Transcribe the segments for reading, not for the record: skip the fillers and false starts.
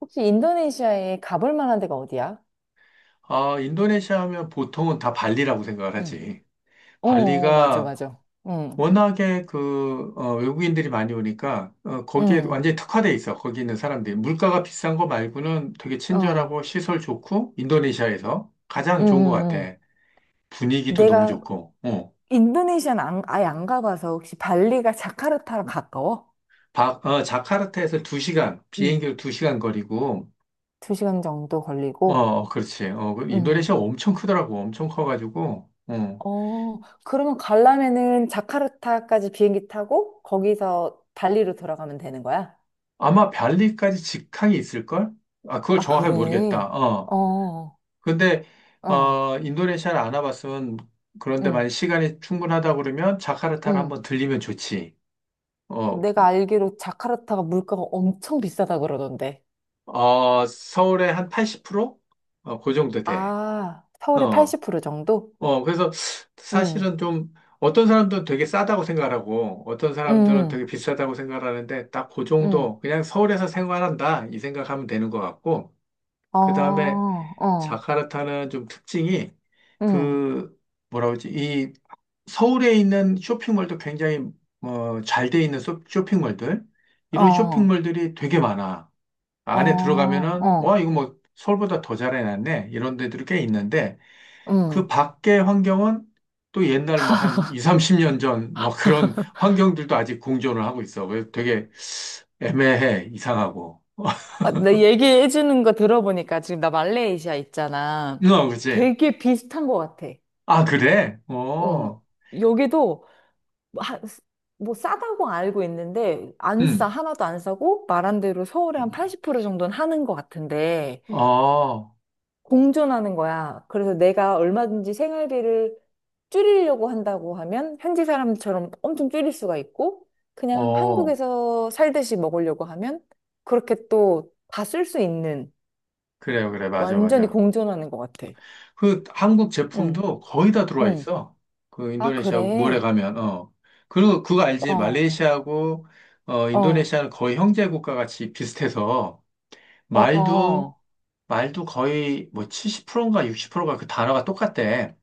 혹시 인도네시아에 가볼 만한 데가 어디야? 아, 인도네시아 하면 보통은 다 발리라고 생각을 응. 하지. 어, 어, 맞아, 발리가 맞아. 응, 워낙에 외국인들이 많이 오니까, 거기에 응, 완전히 특화돼 있어. 거기 있는 사람들이. 물가가 비싼 거 말고는 되게 어, 친절하고 시설 좋고, 인도네시아에서 응, 가장 좋은 것 응, 같아. 응. 분위기도 너무 내가 좋고. 인도네시아는 아예 안 가봐서 혹시 발리가 자카르타랑 가까워? 자카르타에서 두시간 응, 비행기로 두시간 거리고, 두 시간 정도 걸리고. 그렇지. 그 응. 인도네시아 엄청 크더라고. 엄청 커가지고. 어, 그러면 가려면은 자카르타까지 비행기 타고 거기서 발리로 돌아가면 되는 거야? 아마 발리까지 직항이 있을걸? 아, 그걸 아, 정확하게 모르겠다. 그래. 어, 근데, 어, 인도네시아를 안 와봤으면, 그런데 응, 만약 시간이 충분하다 그러면 자카르타를 응. 한번 들리면 좋지. 어, 내가 알기로 자카르타가 물가가 엄청 비싸다 그러던데. 어, 서울의 한 80%? 그 정도 돼. 아, 서울의 어, 80% 정도? 어, 그래서 응, 사실은 좀, 어떤 사람들은 되게 싸다고 생각하고, 어떤 사람들은 응, 되게 비싸다고 생각하는데, 딱 그 응. 정도, 그냥 서울에서 생활한다, 이 생각하면 되는 것 같고, 어, 그 다음에 어, 자카르타는 좀 특징이 응, 그 뭐라 그러지? 이 서울에 있는 쇼핑몰도 굉장히 잘 돼 있는 쇼핑몰들 이런 어, 쇼핑몰들이 되게 많아. 어, 안에 들어가면은 와 어, 이거 뭐 서울보다 더 잘해놨네 이런 데들이 꽤 있는데 응. 그 밖의 환경은 또 옛날 막 한 2, 30년 전 뭐 그런 환경들도 아직 공존을 하고 있어. 그래서 되게 애매해 이상하고. 아, 나 얘기해주는 거 들어보니까 지금 나 말레이시아 있잖아. 어, 그치? 되게 비슷한 것 같아. 아 그래? 어, 어, 여기도 하- 뭐 싸다고 알고 있는데 안 싸, 음, 하나도 안 싸고 말한 대로 서울의 한 80% 정도는 하는 것 같은데 어. 공존하는 거야. 그래서 내가 얼마든지 생활비를 줄이려고 한다고 하면 현지 사람처럼 엄청 줄일 수가 있고 그냥 어, 한국에서 살듯이 먹으려고 하면 그렇게 또 다 쓸 수 있는 그래요, 그래, 맞아, 완전히 맞아. 공존하는 것 같아. 그 한국 응, 제품도 거의 다 들어와 응. 있어. 그 아, 인도네시아 몰에 그래. 가면. 그리고 그거 알지? 어, 말레이시아하고, 어, 인도네시아는 거의 형제 국가 같이 비슷해서, 어, 말도, 어. 말도 거의 뭐 70%인가 60%가 그 단어가 똑같대.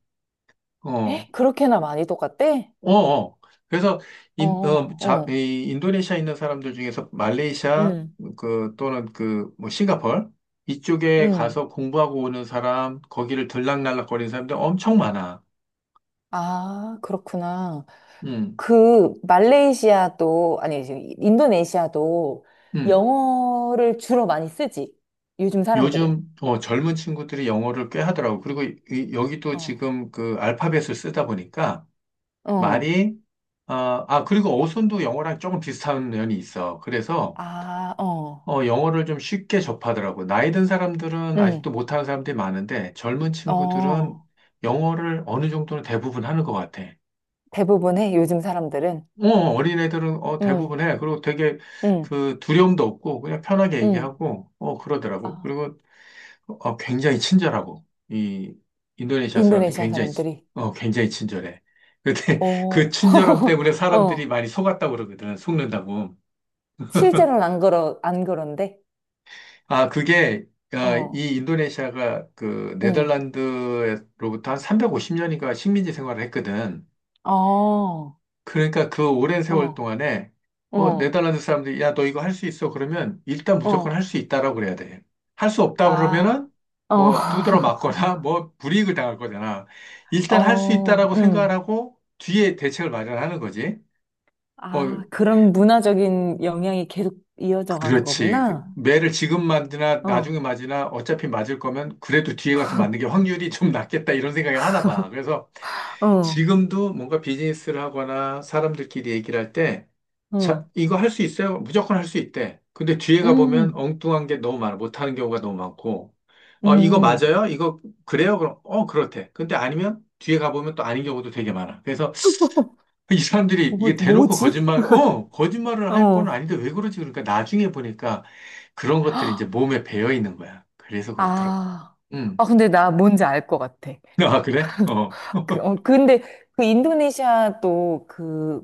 에? 어, 그렇게나 많이 똑같대? 어, 어. 그래서 어, 어, 어. 이 인도네시아에 있는 사람들 중에서 말레이시아 응, 그 또는 그 뭐 싱가폴 이쪽에 응. 가서 공부하고 오는 사람, 거기를 들락날락거리는 사람들 엄청 많아. 아, 그렇구나. 음. 그 말레이시아도 아니 지금 인도네시아도 음. 영어를 주로 많이 쓰지. 요즘 사람들은. 요즘 젊은 친구들이 영어를 꽤 하더라고. 그리고 여기도 어. 지금 그 알파벳을 쓰다 보니까 어. 말이 그리고 어순도 영어랑 조금 비슷한 면이 있어. 그래서 아, 어. 영어를 좀 쉽게 접하더라고요. 나이 든 사람들은 응. 아직도 못하는 사람들이 많은데 젊은 친구들은 어. 영어를 어느 정도는 대부분 하는 것 같아. 대부분의 요즘 사람들은 어린애들은 응. 대부분 해. 그리고 되게 응. 그 두려움도 없고 그냥 편하게 응. 얘기하고 그러더라고. 아, 그리고 굉장히 친절하고 이 인도네시아 사람들 인도네시아 사람들이. 굉장히 친절해. 근데 그 오. 친절함 때문에 사람들이 어. 많이 속았다고 그러거든. 속는다고. 실제로는 안 그런데. 아, 어. 이 인도네시아가 그 응. 네덜란드로부터 한 350년인가 식민지 생활을 했거든. 어. 어. 그러니까 그 오랜 세월 동안에 뭐 어. 네덜란드 사람들이 야, 너 이거 할 수 있어. 그러면 일단 무조건 어. 할 수 있다라고 그래야 돼. 할 수 없다 아. 그러면은 어. 뭐 두드러 맞거나 뭐 불이익을 당할 거잖아. 일단 할 수 어. 있다라고 생각을 응. 하고 뒤에 대책을 마련하는 거지. 어, 아, 그런 문화적인 영향이 계속 이어져 가는 그렇지. 그 거구나. 매를 지금 맞으나 어, 나중에 맞으나 어차피 맞을 거면 그래도 뒤에 가서 맞는 게 확률이 좀 낫겠다 이런 생각을 하나 봐. 그래서 어, 지금도 뭔가 비즈니스를 하거나 사람들끼리 얘기를 할 때, 자, 어. 이거 할 수 있어요? 무조건 할 수 있대. 근데 뒤에 가보면 음, 엉뚱한 게 너무 많아. 못하는 경우가 너무 많고, 이거 음. 맞아요? 이거 그래요? 그럼, 그렇대. 근데 아니면 뒤에 가보면 또 아닌 경우도 되게 많아. 그래서 이 사람들이 이게 대놓고 뭐지? 거짓말을 할 건 어. 아닌데 왜 그러지? 그러니까 나중에 보니까 그런 것들이 이제 몸에 배어 있는 거야. 그래서 그렇더라고. 아, 음. 근데 나 뭔지 알 것 같아. 아, 그래? 어. 그, 어, 근데 그 인도네시아 또 그,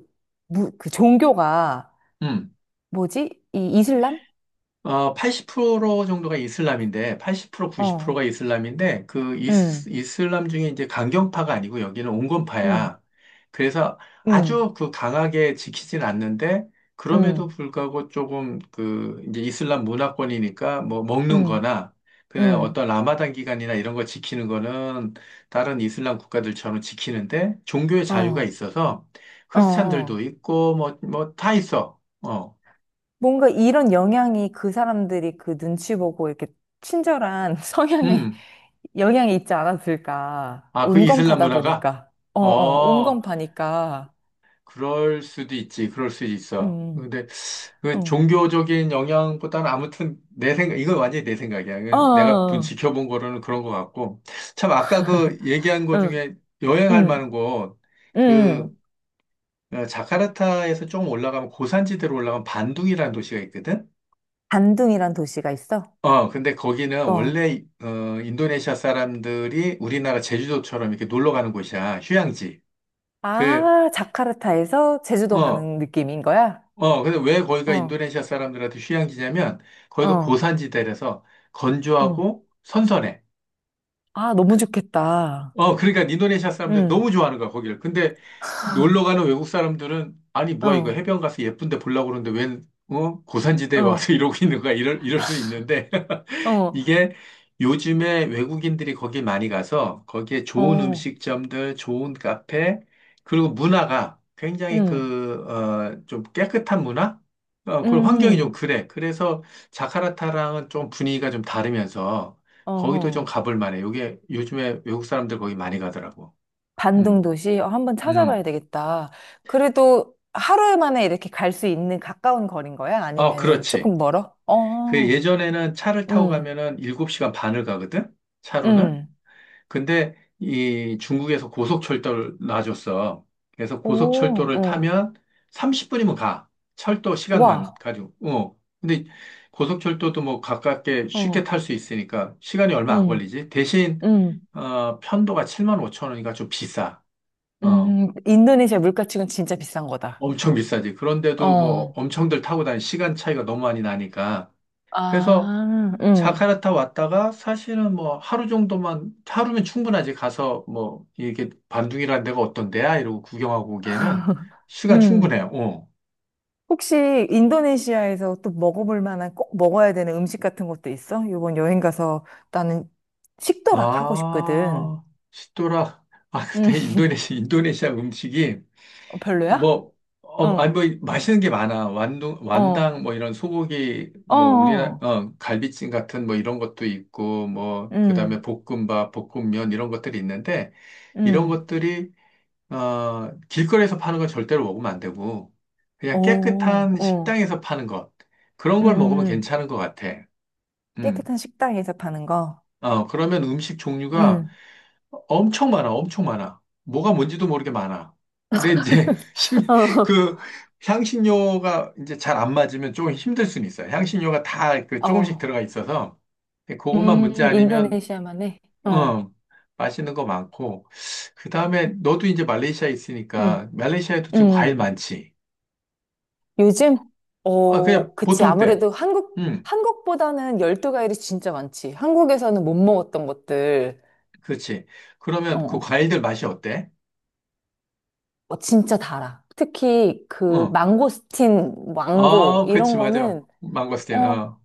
그 종교가 음. 뭐지? 이 이슬람? 80% 정도가 이슬람인데, 80% 90%가 어, 이슬람인데, 그 음, 이슬람 중에 이제 강경파가 아니고 여기는 음, 온건파야. 그래서 음, 아주 그 강하게 지키진 않는데, 그럼에도 음, 불구하고 조금 그 이제 이슬람 문화권이니까 뭐 먹는 음, 거나, 그냥 음, 어떤 라마단 기간이나 이런 거 지키는 거는 다른 이슬람 국가들처럼 지키는데, 종교의 자유가 어, 있어서 어, 크리스찬들도 어. 있고, 뭐, 뭐 다 있어. 뭔가 이런 영향이 그 사람들이 그 눈치 보고 이렇게 친절한 성향에 음. 영향이 있지 않았을까. 아, 그 이슬람 온건파다 문화가? 보니까. 어, 어, 어, 온건파니까. 그럴 수도 있지. 그럴 수도 있어. 음, 근데 그 음. 종교적인 영향보다는 아무튼 내 생각, 이건 완전히 내 생각이야. 어, 이건 내가 어, 지켜본 거로는 그런 것 같고. 참, 아까 그 얘기한 어, 거 어. 중에 여행할 만한 음, 곳, 그, 음. 자카르타에서 좀 올라가면 고산지대로 올라가면 반둥이라는 도시가 있거든? 반둥이란 도시가 있어? 근데 거기는 어. 원래, 인도네시아 사람들이 우리나라 제주도처럼 이렇게 놀러 가는 곳이야. 휴양지. 그, 아, 자카르타에서 제주도 어, 가는 느낌인 거야? 근데 왜 거기가 어, 인도네시아 사람들한테 휴양지냐면, 거기가 어, 고산지대라서 어. 건조하고 선선해. 아, 너무 좋겠다. 그러니까 인도네시아 사람들 음, 너무 좋아하는 거야, 거기를. 근데 놀러 가는 외국 사람들은, 아니, 뭐야, 이거 어, 해변 가서 예쁜데 보려고 그러는데 웬, 어? 고산지대에 와서 어, 이러고 있는 거야. 이럴 수 있는데. 어, 이게 요즘에 외국인들이 거기 많이 가서 거기에 좋은 어, 음식점들, 좋은 카페, 그리고 문화가 굉장히 음. 좀 깨끗한 문화? 그런 환경이 좀 음. 그래. 그래서 자카르타랑은 좀 분위기가 좀 다르면서 어허. 거기도 좀 가볼 만해. 요게 요즘에 외국 사람들 거기 많이 가더라고. 반등 음, 도시 어, 한번 음. 찾아봐야 되겠다. 그래도 하루 만에 이렇게 갈 수 있는 가까운 거리인 거야? 어, 아니면은 그렇지. 조금 멀어? 그 어, 예전에는 차를 타고 응, 가면은 7시간 반을 가거든? 차로는? 응, 근데 이 중국에서 고속철도를 놔줬어. 그래서 오, 고속철도를 어, 타면 30분이면 가. 철도 시간만 와, 가지고. 근데 고속철도도 뭐 가깝게 쉽게 어, 탈 수 있으니까 시간이 얼마 안 응, 걸리지. 대신 응, 편도가 7만 5천 원이니까 좀 비싸. 어. 응, 인도네시아 물가치고는 진짜 비싼 거다. 엄청 비싸지. 그런데도 뭐 어, 엄청들 타고 다니는 시간 차이가 너무 많이 나니까. 그래서 아, 응. 자카르타 왔다가 사실은 뭐 하루 정도만, 하루면 충분하지. 가서 뭐 이게 반둥이라는 데가 어떤 데야? 이러고 구경하고 오기에는 시간 응. 충분해요. 혹시 인도네시아에서 또 먹어볼 만한 꼭 먹어야 되는 음식 같은 것도 있어? 이번 여행 가서 나는 식도락 하고 싶거든. 아, 시도라. 아, 음, 근데 인도네시아 음식이 어, 별로야? 뭐, 아니 어, 뭐 맛있는 게 많아. 완당 어, 뭐 이런 소고기, 어, 뭐 우리나라, 어, 갈비찜 같은 뭐 이런 것도 있고 뭐 그다음에 음, 볶음밥, 볶음면 이런 것들이 있는데 이런 음, 것들이 길거리에서 파는 거 절대로 먹으면 안 되고, 그냥 오, 깨끗한 어, 식당에서 파는 것, 그런 걸 먹으면 음, 괜찮은 것 같아. 음. 깨끗한 식당에서 파는 거, 그러면 음식 종류가 음, 엄청 많아, 엄청 많아. 뭐가 뭔지도 모르게 많아. 근데 이제, 그, 향신료가 이제 잘 안 맞으면 조금 힘들 수는 있어요. 향신료가 다 그 어, 조금씩 어, 들어가 있어서, 그것만 문제 아니면, 인도네시아만의, 어, 어, 맛있는 거 많고, 그 다음에 너도 이제 말레이시아에 음, 있으니까, 말레이시아에도 지금 과일 음, 많지. 요즘, 아, 그냥 어, 그치, 보통 때. 아무래도 한국, 응, 한국보다는 열대과일이 진짜 많지. 한국에서는 못 먹었던 것들, 그렇지. 그러면 그 어, 과일들 맛이 어때? 어, 진짜 달아. 특히 그 어, 망고스틴, 망고, 어, 그렇지, 이런 맞아. 거는 망고스틴, 어, 어.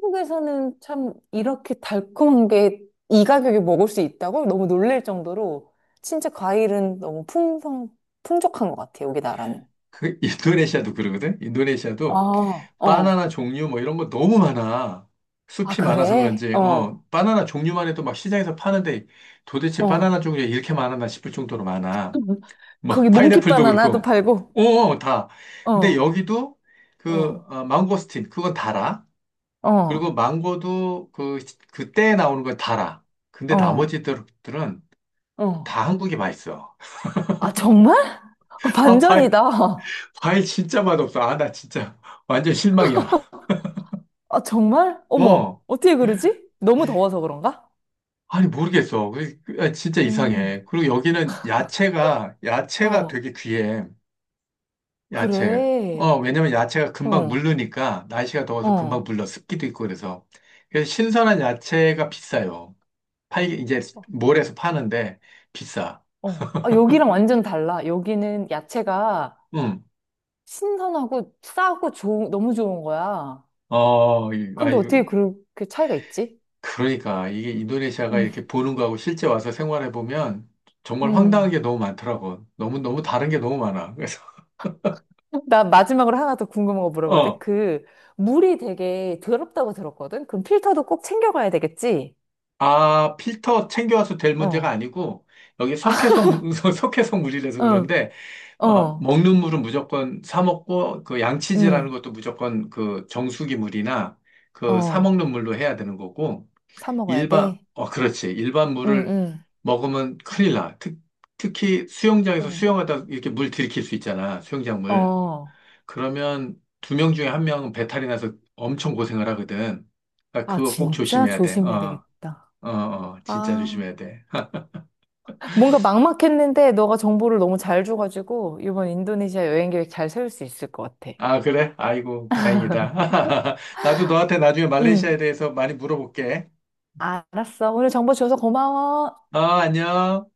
한국에서는 참 이렇게 달콤한 게 이 가격에 먹을 수 있다고 너무 놀랄 정도로 진짜 과일은 풍족한 것 같아, 여기 나라는. 그, 인도네시아도 그러거든? 아, 인도네시아도 어. 바나나 종류 뭐 이런 거 너무 많아. 아, 숲이 많아서 그래? 그런지, 어, 바나나 종류만 해도 막 시장에서 파는데 도대체 바나나 어. 종류가 이렇게 많았나 싶을 정도로 많아. 막 거기 몽키 파인애플도 바나나도 그렇고, 팔고, 어, 다. 근데 어, 여기도 어, 망고스틴, 그건 달아. 그리고 어, 망고도 그때 나오는 건 달아. 근데 어, 나머지들은 어. 다 한국이 맛있어. 아, 정말? 아, 아, 반전이다. 과일 진짜 맛없어. 아, 나 진짜 완전 실망이야. 아, 정말? 어머, 어. 어떻게 그러지? 너무 더워서 그런가? 아니, 모르겠어. 아, 진짜 음, 이상해. 그리고 여기는 야채가 어, 되게 귀해. 야채. 그래. 왜냐면 야채가 금방 어, 물르니까, 날씨가 더워서 금방 어. 물러. 습기도 있고 그래서. 그래서 신선한 야채가 비싸요. 이제 몰에서 파는데 비싸. 어. 아, 여기랑 완전 달라. 여기는 야채가 응 신선하고 싸고 좋은, 너무 좋은 거야. 어, 근데 어떻게 아유, 그렇게 차이가 있지? 그러니까 이게 인도네시아가 음. 이렇게 보는 거하고 실제 와서 생활해 보면 정말 황당한 음. 게 너무 많더라고. 너무 너무 다른 게 너무 많아. 그래서 나 마지막으로 하나 더 궁금한 거 물어봐도 돼? 어, 그, 물이 되게 더럽다고 들었거든? 그럼 필터도 꼭 챙겨가야 되겠지? 필터 챙겨와서 될 문제가 어. 아니고 여기 석회성 석회성 물이라서 어, 그런데 어, 먹는 물은 무조건 사 먹고 그 양치질하는 음, 것도 무조건 그 정수기 물이나 그 사 어. 먹는 물로 해야 되는 거고. 사 먹어야 돼? 그렇지. 일반 응, 물을 응, 먹으면 큰일 나. 특히 수영장에서 응. 수영하다 이렇게 물 들이킬 수 있잖아. 수영장 물. 어. 그러면 두 명 중에 한 명은 배탈이 나서 엄청 고생을 하거든. 아, 아, 그거 꼭 진짜 조심해야 돼. 조심해야 어, 되겠다. 어, 어, 진짜 아. 조심해야 돼. 뭔가 막막했는데 너가 정보를 너무 잘 줘가지고 이번 인도네시아 여행 계획 잘 세울 수 있을 것 같아. 아, 그래? 아이고, 다행이다. 나도 너한테 나중에 응, 말레이시아에 대해서 많이 물어볼게. 알았어. 오늘 정보 줘서 고마워. 어, 안녕.